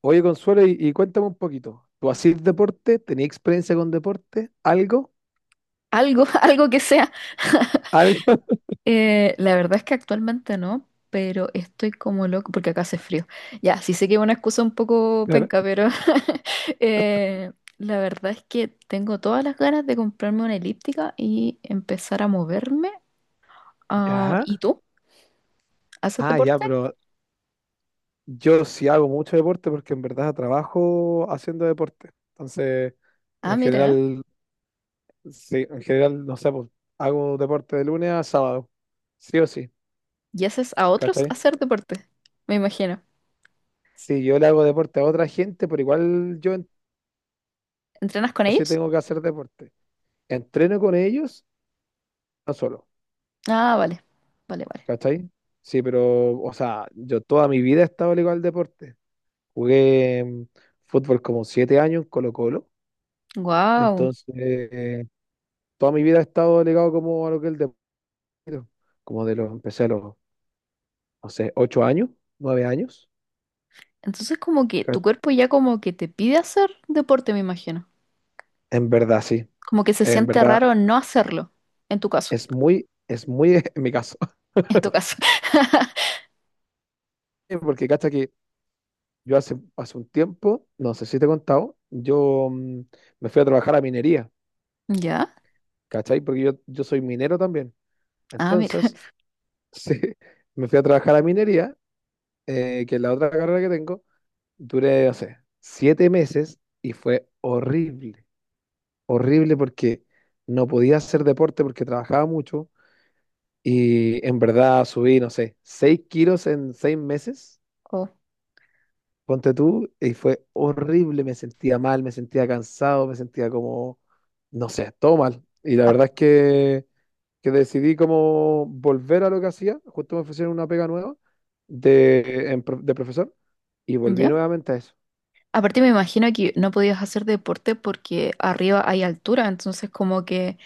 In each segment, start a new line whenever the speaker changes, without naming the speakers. Oye, Consuelo, y cuéntame un poquito. ¿Tú hacías deporte? ¿Tenías experiencia con deporte? ¿Algo?
Algo, algo que sea.
¿Algo?
La verdad es que actualmente no, pero estoy como loco porque acá hace frío. Ya, sí sé que es una excusa un poco
Claro.
penca, pero eh, la verdad es que tengo todas las ganas de comprarme una elíptica y empezar a moverme. Ah,
Ya.
¿y tú? ¿Haces
Ah, ya,
deporte?
pero yo sí hago mucho deporte porque en verdad trabajo haciendo deporte. Entonces,
Ah,
en
mira, ¿eh?
general, sí, en general, no sé, pues, hago deporte de lunes a sábado. Sí o sí,
¿Y haces a otros
¿cachai?
hacer deporte? Me imagino.
Sí, yo le hago deporte a otra gente, pero igual
¿Entrenas con
sí
ellos?
tengo que hacer deporte. Entreno con ellos, no solo.
Ah, vale, vale, vale.
¿Cachai? Sí, pero, o sea, yo toda mi vida he estado ligado al deporte. Jugué fútbol como 7 años en Colo-Colo.
Wow.
Entonces, toda mi vida he estado ligado como a lo que es el deporte. Empecé a los, no sé, 8 años, 9 años.
Entonces como que tu
Ca-
cuerpo ya como que te pide hacer deporte, me imagino.
En verdad, sí.
Como que se
En
siente
verdad,
raro no hacerlo, en tu caso,
es muy en mi caso.
en tu caso.
Porque, cacha, que yo hace un tiempo, no sé si te he contado, yo me fui a trabajar a minería,
¿Ya?
¿cachai? Porque yo soy minero también.
Ah, mira.
Entonces, sí, me fui a trabajar a minería, que es la otra carrera que tengo. Duré, no sé, 7 meses y fue horrible. Horrible porque no podía hacer deporte porque trabajaba mucho y en verdad subí, no sé, 6 kilos en 6 meses,
Oh.
ponte tú, y fue horrible. Me sentía mal, me sentía cansado, me sentía como, no sé, todo mal. Y la
Ah,
verdad es que decidí como volver a lo que hacía, justo me ofrecieron una pega nueva de profesor y volví
¿ya?
nuevamente a eso.
Aparte me imagino que no podías hacer deporte porque arriba hay altura, entonces como que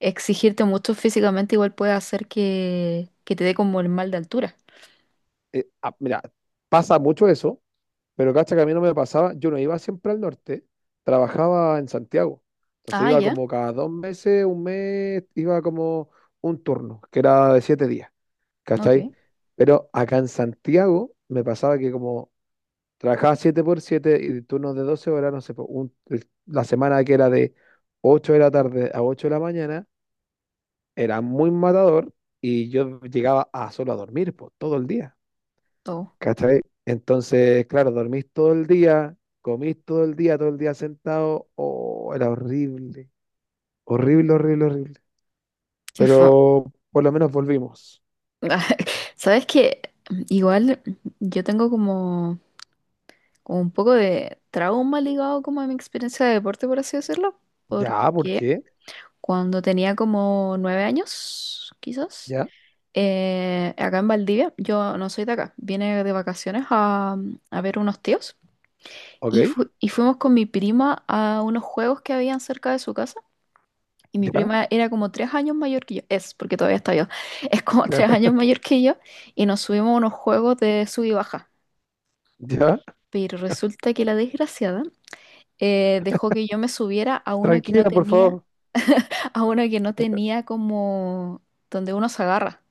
exigirte mucho físicamente igual puede hacer que te dé como el mal de altura.
Ah, mira, pasa mucho eso, pero cacha que a mí no me pasaba, yo no iba siempre al norte, trabajaba en Santiago, entonces
Ah,
iba
ya,
como cada 2 meses, un mes, iba como un turno, que era de 7 días, ¿cachai?
ok.
Pero acá en Santiago me pasaba que como trabajaba 7 por 7 y turnos de 12 horas, no sé, po, la semana que era de 8 de la tarde a 8 de la mañana, era muy matador y yo llegaba a solo a dormir, po, todo el día,
Oh,
¿cachai? Entonces, claro, dormís todo el día, comís todo el día sentado, oh, era horrible, horrible, horrible, horrible.
qué fue.
Pero por lo menos volvimos.
Sabes que igual yo tengo como, como un poco de trauma ligado como a mi experiencia de deporte, por así decirlo,
Ya, ¿por
porque
qué?
cuando tenía como 9 años, quizás,
Ya,
acá en Valdivia, yo no soy de acá, vine de vacaciones a ver unos tíos
ok,
y, y fuimos con mi prima a unos juegos que habían cerca de su casa. Y mi
ya,
prima era como 3 años mayor que yo, es, porque todavía está yo, es como tres
claro,
años mayor que yo, y nos subimos a unos juegos de sub y baja.
ya,
Pero resulta que la desgraciada dejó que yo me subiera a uno que no
tranquila, por
tenía,
favor.
a uno que no tenía como donde uno se agarra.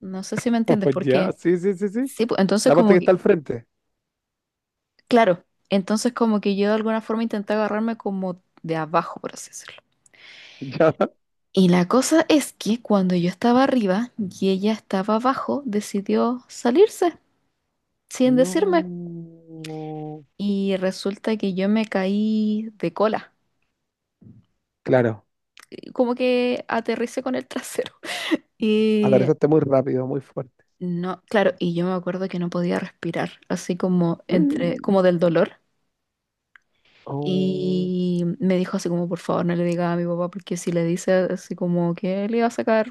No sé si me entiendes,
Ya,
porque
sí, sí, sí, sí.
sí, pues, entonces
La parte
como
que está
que,
al frente.
claro, entonces como que yo de alguna forma intenté agarrarme como de abajo, por así decirlo.
Ya.
Y la cosa es que cuando yo estaba arriba y ella estaba abajo, decidió salirse sin decirme.
No.
Y resulta que yo me caí de cola.
Claro.
Como que aterricé con el trasero. Y
Atravesaste muy rápido, muy fuerte.
no, claro, y yo me acuerdo que no podía respirar, así como entre, como
Mm.
del dolor.
Oh,
Y me dijo así como, por favor, no le diga a mi papá, porque si le dice así como que le iba a sacar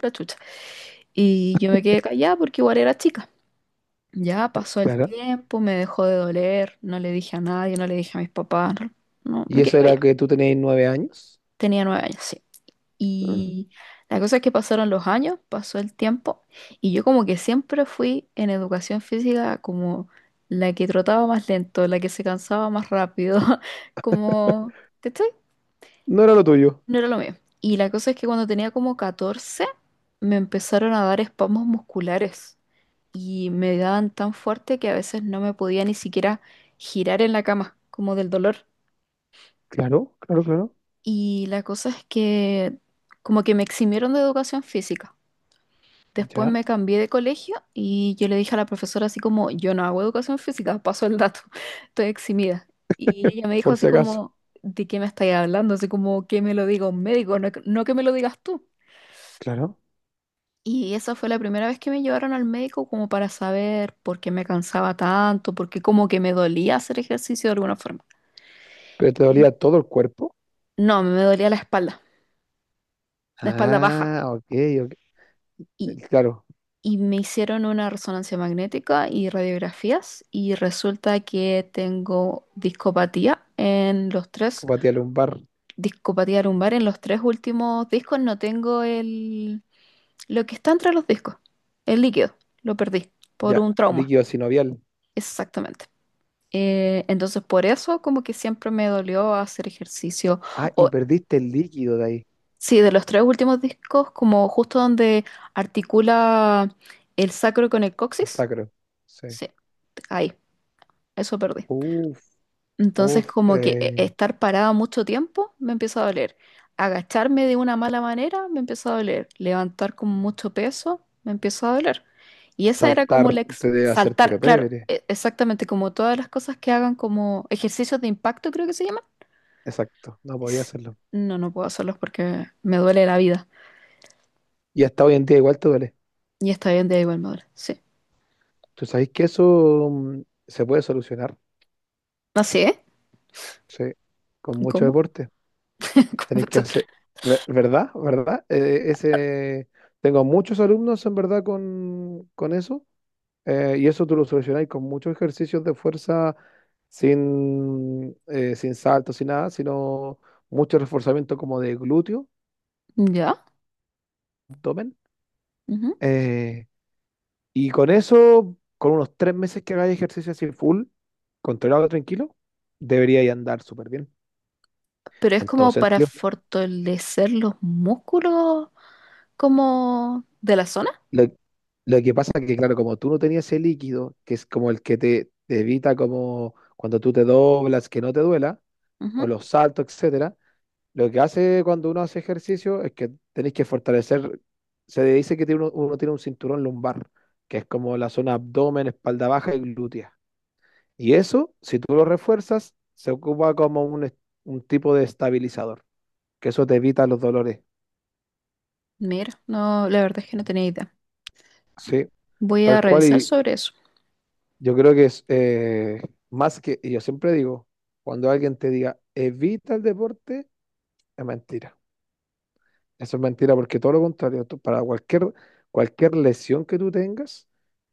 la chucha. Y yo me quedé callada porque igual era chica. Ya pasó el
claro.
tiempo, me dejó de doler, no le dije a nadie, no le dije a mis papás, no, no,
¿Y
me
eso
quedé
era
callada.
que tú tenías 9 años?
Tenía 9 años, sí.
Mm.
Y la cosa es que pasaron los años, pasó el tiempo, y yo como que siempre fui en educación física como la que trotaba más lento, la que se cansaba más rápido, como, ¿cachai?
No era lo tuyo.
No era lo mío. Y la cosa es que cuando tenía como 14 me empezaron a dar espasmos musculares y me daban tan fuerte que a veces no me podía ni siquiera girar en la cama, como del dolor.
Claro, claro, claro.
Y la cosa es que como que me eximieron de educación física. Después
Ya.
me cambié de colegio y yo le dije a la profesora así como, yo no hago educación física, paso el dato, estoy eximida. Y ella me dijo
Por
así
si acaso.
como, ¿de qué me estáis hablando? Así como, ¿que me lo diga un médico? No, que no, que me lo digas tú.
Claro.
Y esa fue la primera vez que me llevaron al médico como para saber por qué me cansaba tanto, por qué como que me dolía hacer ejercicio de alguna forma.
Pero te
Y-
dolía todo el cuerpo.
No, me dolía la espalda baja.
Ah, ok, ok. Claro.
Y me hicieron una resonancia magnética y radiografías y resulta que tengo discopatía en los tres,
Compatía lumbar.
discopatía lumbar en los tres últimos discos, no tengo el, lo que está entre los discos, el líquido, lo perdí por
Ya.
un trauma,
Líquido sinovial.
exactamente. Entonces por eso como que siempre me dolió hacer ejercicio,
Ah, y
o
perdiste el líquido de ahí.
sí, de los tres últimos discos, como justo donde articula el sacro con el
El
coxis,
sacro. Sí.
sí, ahí. Eso perdí.
Uf,
Entonces,
uf.
como que estar parada mucho tiempo me empieza a doler. Agacharme de una mala manera me empieza a doler. Levantar con mucho peso me empieza a doler. Y esa era
Saltar
como la
te debe hacer
saltar,
pero
claro,
pebre.
exactamente como todas las cosas que hagan como ejercicios de impacto, creo que se llama.
Exacto, no podía
Es-
hacerlo.
No, no puedo hacerlos porque me duele la vida.
Y hasta hoy en día igual te duele.
Y está bien, de igual me duele. Sí.
Tú sabéis que eso se puede solucionar,
Así, ¿eh?
sí, con mucho
¿Cómo?
deporte.
¿Cómo
Tenéis que
esto?
hacer, ¿verdad? ¿Verdad? Ese, tengo muchos alumnos en verdad con eso. Y eso tú lo solucionáis con muchos ejercicios de fuerza sin saltos, sin nada, sino mucho reforzamiento como de glúteo,
Ya.
abdomen.
Ujú.
Eh, Y con eso, con unos 3 meses que hagáis ejercicio así full, controlado, tranquilo, deberíais andar súper bien.
Pero es
En todo
como para
sentido.
fortalecer los músculos como de la zona.
Lo, lo que pasa es que, claro, como tú no tenías ese líquido, que es como el que te evita como cuando tú te doblas, que no te duela,
Ujú.
o los saltos, etcétera, lo que hace cuando uno hace ejercicio es que tenéis que fortalecer, se dice que tiene uno, uno tiene un cinturón lumbar, que es como la zona abdomen, espalda baja y glútea. Y eso, si tú lo refuerzas, se ocupa como un tipo de estabilizador, que eso te evita los dolores,
Mira, no, la verdad es que no tenía idea.
¿sí?
Voy a
Tal cual,
revisar
y
sobre eso.
yo creo que es más que, y yo siempre digo, cuando alguien te diga, evita el deporte, es mentira. Eso es mentira porque todo lo contrario, para cualquier lesión que tú tengas,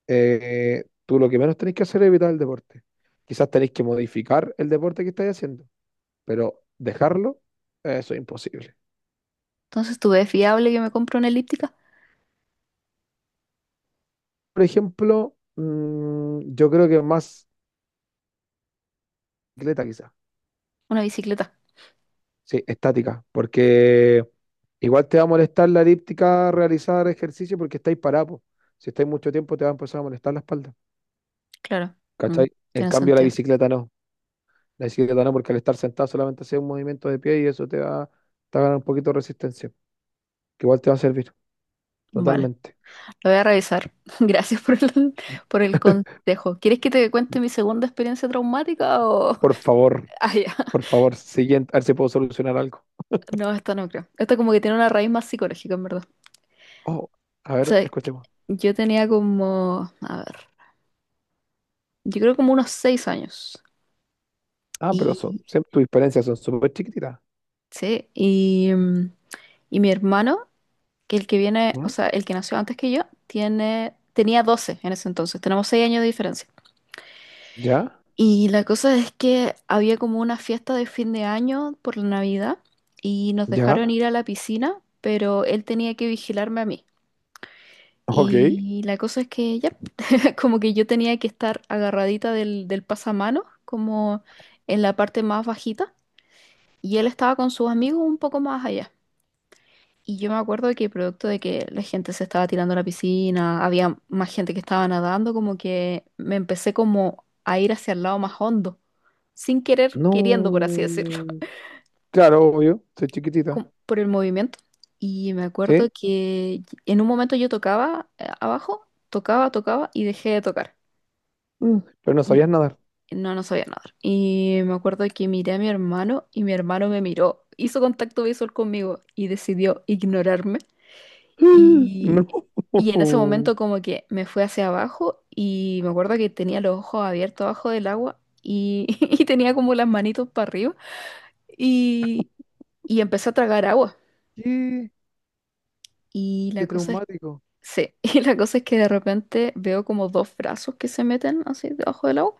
tú lo que menos tenés que hacer es evitar el deporte. Quizás tenés que modificar el deporte que estás haciendo, pero dejarlo, eso es imposible.
Entonces, ¿tú ves fiable que me compre una elíptica?
Por ejemplo, yo creo que más bicicleta quizás.
Una bicicleta.
Sí, estática, porque igual te va a molestar la elíptica realizar ejercicio porque estáis parados. Si estáis mucho tiempo te va a empezar a molestar la espalda.
Claro. Mm,
¿Cachai? En
tiene
cambio la
sentido.
bicicleta no. La bicicleta no, porque al estar sentado solamente haces un movimiento de pie y eso te va a ganar un poquito de resistencia, que igual te va a servir
Vale,
totalmente.
lo voy a revisar. Gracias por el consejo. ¿Quieres que te cuente mi segunda experiencia traumática o...?
Por favor,
Ah, ya.
por favor, siguiente, a ver si puedo solucionar algo.
No, esta no creo. Esta como que tiene una raíz más psicológica, en verdad.
Oh, a
O
ver,
sea, que
escuchemos.
yo tenía como... A ver. Yo creo como unos 6 años.
Ah, pero
Y...
tus experiencias son súper chiquititas.
Sí, y mi hermano, que el que viene, o sea, el que nació antes que yo, tenía 12 en ese entonces. Tenemos 6 años de diferencia.
Ya,
Y la cosa es que había como una fiesta de fin de año por la Navidad y nos
ya,
dejaron ir a la piscina, pero él tenía que vigilarme a mí.
ok.
Y la cosa es que ya, como que yo tenía que estar agarradita del pasamanos, como en la parte más bajita, y él estaba con sus amigos un poco más allá. Y yo me acuerdo que producto de que la gente se estaba tirando a la piscina, había más gente que estaba nadando, como que me empecé como a ir hacia el lado más hondo, sin querer, queriendo, por así decirlo,
No. Claro, obvio, soy chiquitita.
como por el movimiento. Y me acuerdo
¿Sí?
que en un momento yo tocaba abajo, tocaba, tocaba y dejé de tocar.
Mm, pero no
Y
sabías nadar.
no, no sabía nadar. Y me acuerdo que miré a mi hermano y mi hermano me miró, hizo contacto visual conmigo y decidió ignorarme. Y,
No.
y en ese momento como que me fui hacia abajo y me acuerdo que tenía los ojos abiertos abajo del agua y, y tenía como las manitos para arriba y, y empecé a tragar agua.
¿Qué?
Y la
Qué
cosa es,
traumático.
sí, y la cosa es que de repente veo como dos brazos que se meten así debajo del agua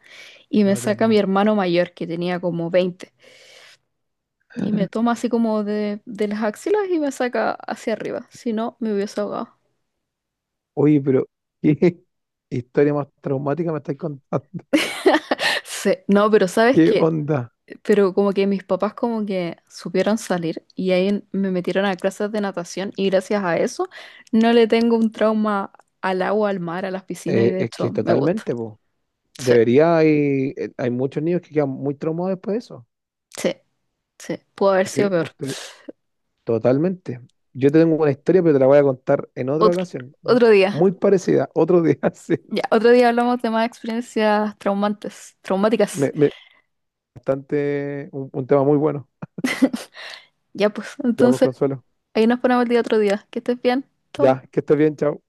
y me
No te
saca mi
puedo.
hermano mayor que tenía como 20 y me toma así como de las axilas y me saca hacia arriba. Si no, me hubiese ahogado.
Oye, pero ¿qué historia más traumática me estáis contando?
Sí, no, pero ¿sabes
¿Qué
qué?
onda?
Pero como que mis papás como que supieron salir y ahí me metieron a clases de natación y gracias a eso no le tengo un trauma al agua, al mar, a las piscinas y de
Es
hecho
que
me gusta.
totalmente, po.
Sí,
Hay muchos niños que quedan muy traumados después de eso.
sí, sí. Pudo haber
Sí,
sido peor.
pues totalmente. Yo te tengo una historia, pero te la voy a contar en otra
Otro,
ocasión.
otro día,
Muy parecida, otro día, sí.
ya, otro día hablamos de más experiencias traumantes, traumáticas.
Me, me- bastante, un tema muy bueno.
Ya pues,
Ya, por
entonces
Consuelo.
ahí nos ponemos el día otro día. Que estés bien. Chau.
Ya, que estés bien, chao.